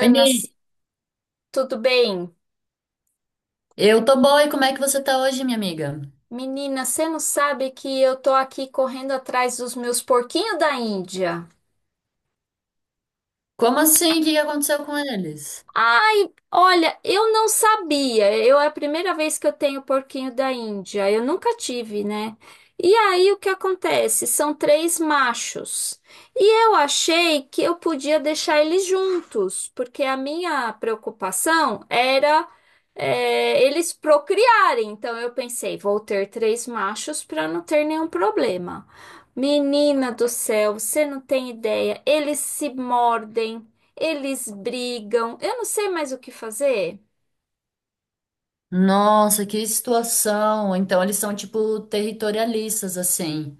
Oi, Ni. tudo bem? Eu tô boa e como é que você tá hoje, minha amiga? Menina, você não sabe que eu tô aqui correndo atrás dos meus porquinhos da Índia. Como assim? O que que aconteceu com eles? Ai, olha, eu não sabia. Eu É a primeira vez que eu tenho porquinho da Índia. Eu nunca tive, né? E aí o que acontece? São três machos. E eu achei que eu podia deixar eles juntos, porque a minha preocupação era eles procriarem. Então eu pensei, vou ter três machos para não ter nenhum problema. Menina do céu, você não tem ideia. Eles se mordem. Eles brigam. Eu não sei mais o que fazer. Nossa, que situação! Então eles são tipo territorialistas, assim.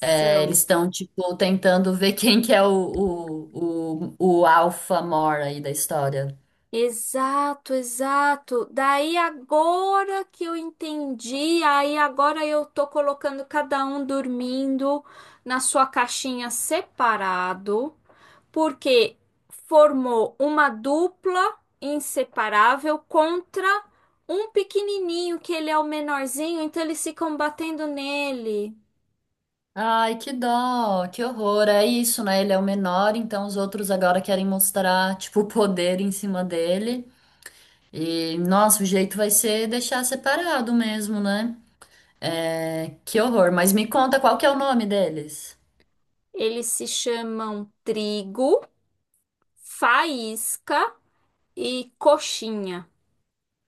É, eles São. estão tipo tentando ver quem que é o alfa mor aí da história. Exato, exato. Daí agora que eu entendi, aí agora eu tô colocando cada um dormindo na sua caixinha separado, porque formou uma dupla inseparável contra um pequenininho que ele é o menorzinho, então eles ficam batendo nele. Ai, que dó, que horror. É isso, né? Ele é o menor, então os outros agora querem mostrar, tipo, o poder em cima dele. E, nossa, o jeito vai ser deixar separado mesmo, né? É, que horror, mas me conta qual que é o nome deles. Eles se chamam Trigo, Faísca e Coxinha.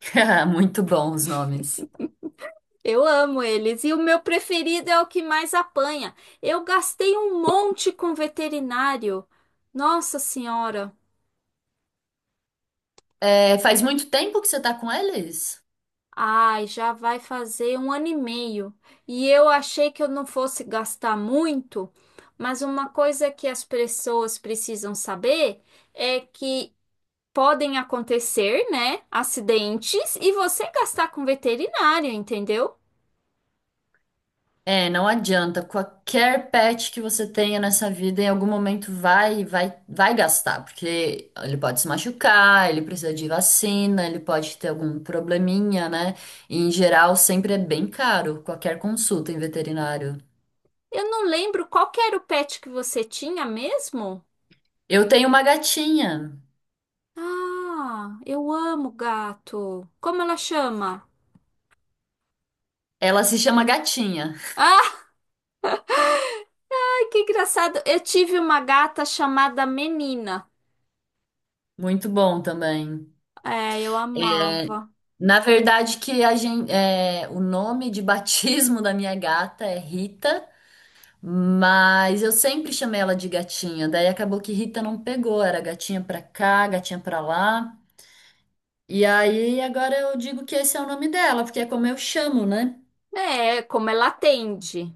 Muito bom os nomes. Eu amo eles. E o meu preferido é o que mais apanha. Eu gastei um monte com veterinário. Nossa Senhora. É, faz muito tempo que você tá com eles? Ai, já vai fazer um ano e meio. E eu achei que eu não fosse gastar muito, mas uma coisa que as pessoas precisam saber é que podem acontecer, né, acidentes e você gastar com veterinário, entendeu? É, não adianta. Qualquer pet que você tenha nessa vida, em algum momento vai gastar, porque ele pode se machucar, ele precisa de vacina, ele pode ter algum probleminha, né? E, em geral, sempre é bem caro qualquer consulta em veterinário. Eu não lembro qual que era o pet que você tinha mesmo? Eu tenho uma gatinha. Ah, eu amo gato. Como ela chama? Ela se chama Gatinha. Ai, que engraçado. Eu tive uma gata chamada Menina. Muito bom também. É, eu amava. Na verdade, que a gente, o nome de batismo da minha gata é Rita, mas eu sempre chamei ela de gatinha. Daí acabou que Rita não pegou, era gatinha pra cá, gatinha pra lá. E aí agora eu digo que esse é o nome dela, porque é como eu chamo, né? É, como ela atende.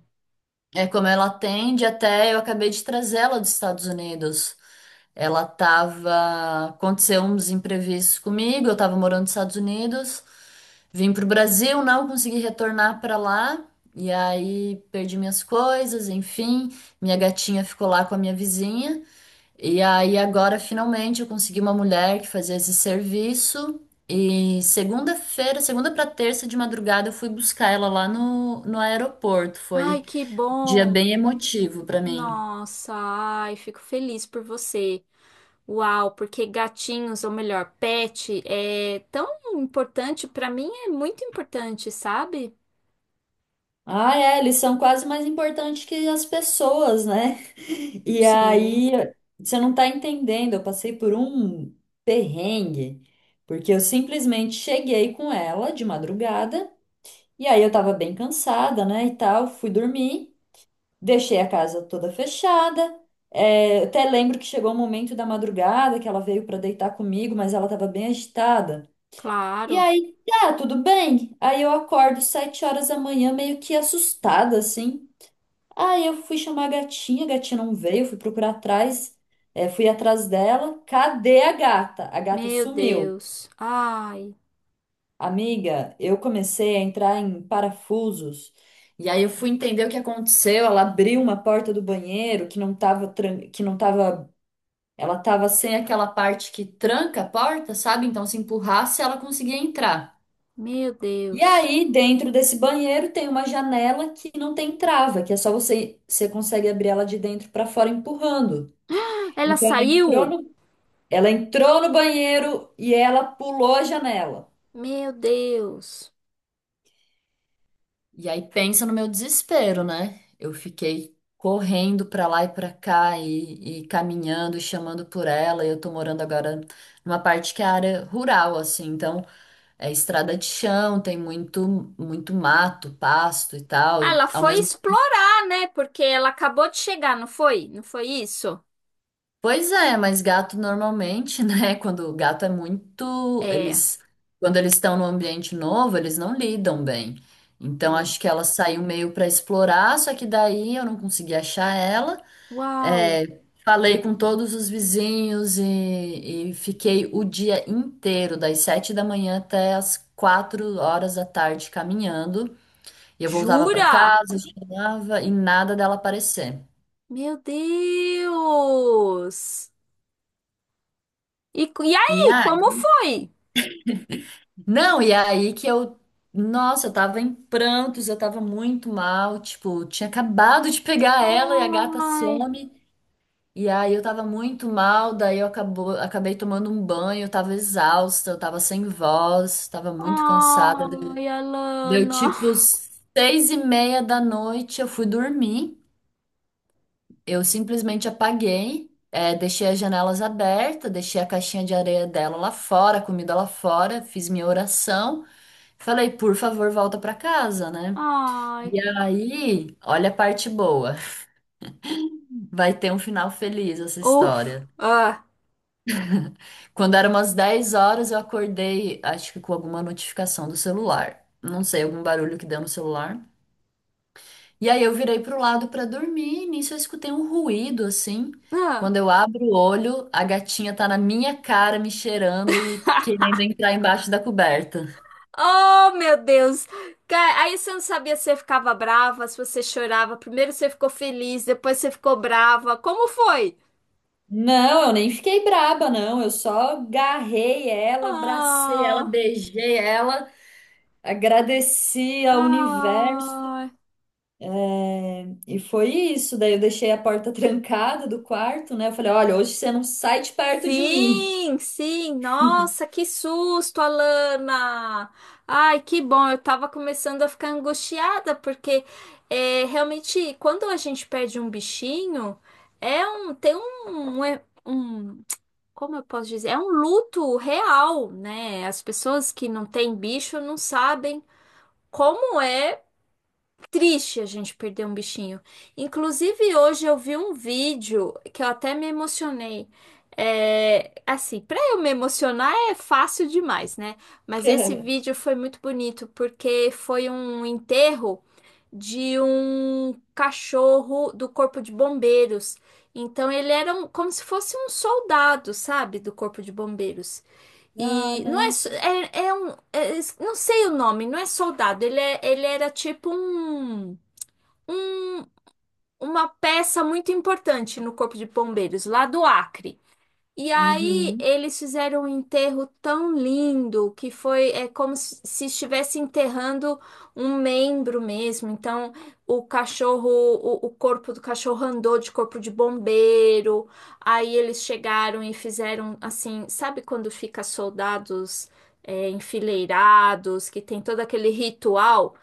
É como ela atende, até eu acabei de trazê-la dos Estados Unidos. Ela tava. Aconteceu uns imprevistos comigo, eu tava morando nos Estados Unidos, vim pro Brasil, não consegui retornar pra lá, e aí perdi minhas coisas, enfim, minha gatinha ficou lá com a minha vizinha, e aí agora finalmente eu consegui uma mulher que fazia esse serviço, e segunda-feira, segunda pra terça de madrugada, eu fui buscar ela lá no aeroporto, foi Ai, que um dia bom. bem emotivo pra mim. Nossa, ai, fico feliz por você. Uau, porque gatinhos, ou melhor, pet, é tão importante. Para mim é muito importante, sabe? Ah, é, eles são quase mais importantes que as pessoas, né? E Sim, aí, você não tá entendendo, eu passei por um perrengue, porque eu simplesmente cheguei com ela de madrugada, e aí eu tava bem cansada, né, e tal, fui dormir, deixei a casa toda fechada, eu até lembro que chegou o momento da madrugada que ela veio pra deitar comigo, mas ela tava bem agitada. E claro. aí, tá, tudo bem. Aí eu acordo 7 horas da manhã, meio que assustada, assim. Aí eu fui chamar a gatinha não veio, fui procurar atrás, fui atrás dela. Cadê a gata? A gata Meu sumiu. Deus. Ai, Amiga, eu comecei a entrar em parafusos. E aí eu fui entender o que aconteceu. Ela abriu uma porta do banheiro que não tava, ela tava sem aquela parte que tranca a porta, sabe? Então se empurrasse, ela conseguia entrar. meu E Deus. aí, dentro desse banheiro tem uma janela que não tem trava, que é só você consegue abrir ela de dentro para fora empurrando. Ela Então ela entrou saiu? no, Ela entrou no banheiro e ela pulou a janela. Meu Deus. E aí pensa no meu desespero, né? Eu fiquei correndo pra lá e pra cá e caminhando, e chamando por ela. E eu tô morando agora numa parte que é área rural, assim, então é estrada de chão, tem muito muito mato, pasto e tal. Ah, E ela ao foi mesmo. explorar, né? Porque ela acabou de chegar, não foi? Não foi isso? Pois é, mas gato normalmente, né? Quando o gato é muito, É, é. eles, quando eles estão num ambiente novo, eles não lidam bem. Então acho que ela saiu meio para explorar, só que daí eu não consegui achar ela. Uau. É, falei com todos os vizinhos e fiquei o dia inteiro, das 7 da manhã até as 4 horas da tarde caminhando. E eu voltava para Jura? casa, chegava e nada dela aparecer. Meu Deus. E, e E aí, ah, como foi? Não, e aí que eu. Nossa, eu tava em prantos, eu tava muito mal. Tipo, tinha acabado de pegar ela e a gata Ai, some. E aí eu tava muito mal, daí acabei tomando um banho, eu tava exausta, eu tava sem voz, tava muito cansada. Ai, Deu Alana. tipo 6 e meia da noite, eu fui dormir. Eu simplesmente apaguei, deixei as janelas abertas, deixei a caixinha de areia dela lá fora, a comida lá fora, fiz minha oração. Falei, por favor, volta pra casa, né? E Ai. aí, olha a parte boa. Vai ter um final feliz essa Uf. história. Ah. Quando eram umas 10 horas, eu acordei, acho que com alguma notificação do celular. Não sei, algum barulho que deu no celular. E aí eu virei pro lado pra dormir, e nisso eu escutei um ruído assim. Ah. Quando eu abro o olho, a gatinha tá na minha cara me cheirando e querendo entrar embaixo da coberta. Oh, meu Deus! Aí você não sabia se você ficava brava, se você chorava. Primeiro você ficou feliz, depois você ficou brava. Como foi? Não, eu nem fiquei braba, não. Eu só agarrei ela, abracei ela, Ah, beijei ela, agradeci ao universo. ah. É, e foi isso. Daí eu deixei a porta trancada do quarto, né? Eu falei: olha, hoje você não sai de perto de mim. Sim, sim. Nossa, que susto, Alana! Ai, que bom. Eu tava começando a ficar angustiada, porque é, realmente, quando a gente perde um bichinho, tem um, como eu posso dizer? É um luto real, né? As pessoas que não têm bicho não sabem como é triste a gente perder um bichinho. Inclusive, hoje eu vi um vídeo que eu até me emocionei. É, assim, para eu me emocionar é fácil demais, né? Mas esse vídeo foi muito bonito porque foi um enterro de um cachorro do Corpo de Bombeiros. Então ele era como se fosse um soldado, sabe, do Corpo de Bombeiros. Ah, E não é, não. Não sei o nome, não é soldado, ele era tipo um- uma peça muito importante no Corpo de Bombeiros, lá do Acre. E aí Uhum. eles fizeram um enterro tão lindo que foi é como se estivesse enterrando um membro mesmo. Então o cachorro, o corpo do cachorro andou de corpo de bombeiro. Aí eles chegaram e fizeram assim, sabe quando fica soldados enfileirados, que tem todo aquele ritual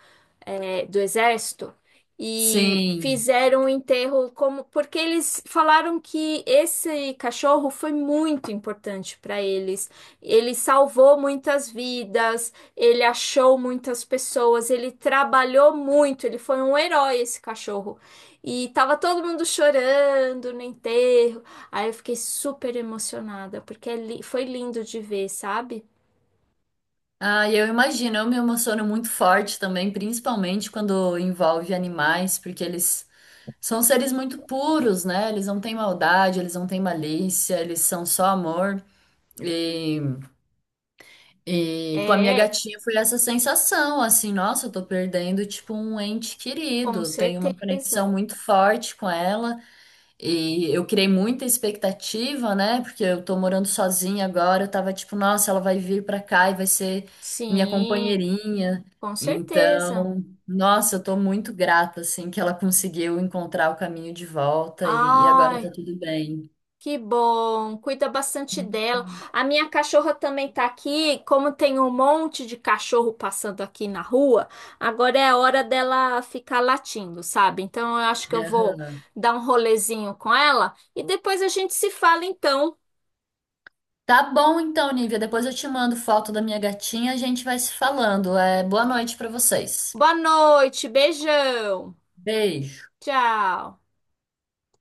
do exército? E Sim. fizeram o enterro como porque eles falaram que esse cachorro foi muito importante para eles. Ele salvou muitas vidas, ele achou muitas pessoas, ele trabalhou muito, ele foi um herói esse cachorro. E tava todo mundo chorando no enterro. Aí eu fiquei super emocionada, porque foi lindo de ver, sabe? Ah, e eu imagino, eu me emociono muito forte também, principalmente quando envolve animais, porque eles são seres muito puros, né? Eles não têm maldade, eles não têm malícia, eles são só amor. E, e com a minha É, gatinha foi essa sensação, assim, nossa, eu tô perdendo, tipo, um ente com querido. Tenho uma certeza. conexão muito forte com ela. E eu criei muita expectativa, né? Porque eu tô morando sozinha agora. Eu tava tipo, nossa, ela vai vir pra cá e vai ser minha Sim, companheirinha. com certeza. Então, nossa, eu tô muito grata, assim, que ela conseguiu encontrar o caminho de volta e agora Ai, tá tudo bem. que bom, cuida bastante dela. A minha cachorra também tá aqui. Como tem um monte de cachorro passando aqui na rua, agora é a hora dela ficar latindo, sabe? Então eu acho que eu vou Aham. dar um rolezinho com ela e depois a gente se fala então. Tá bom então, Nívia. Depois eu te mando foto da minha gatinha, a gente vai se falando. É, boa noite pra vocês. Boa noite, beijão. Beijo. Tchau.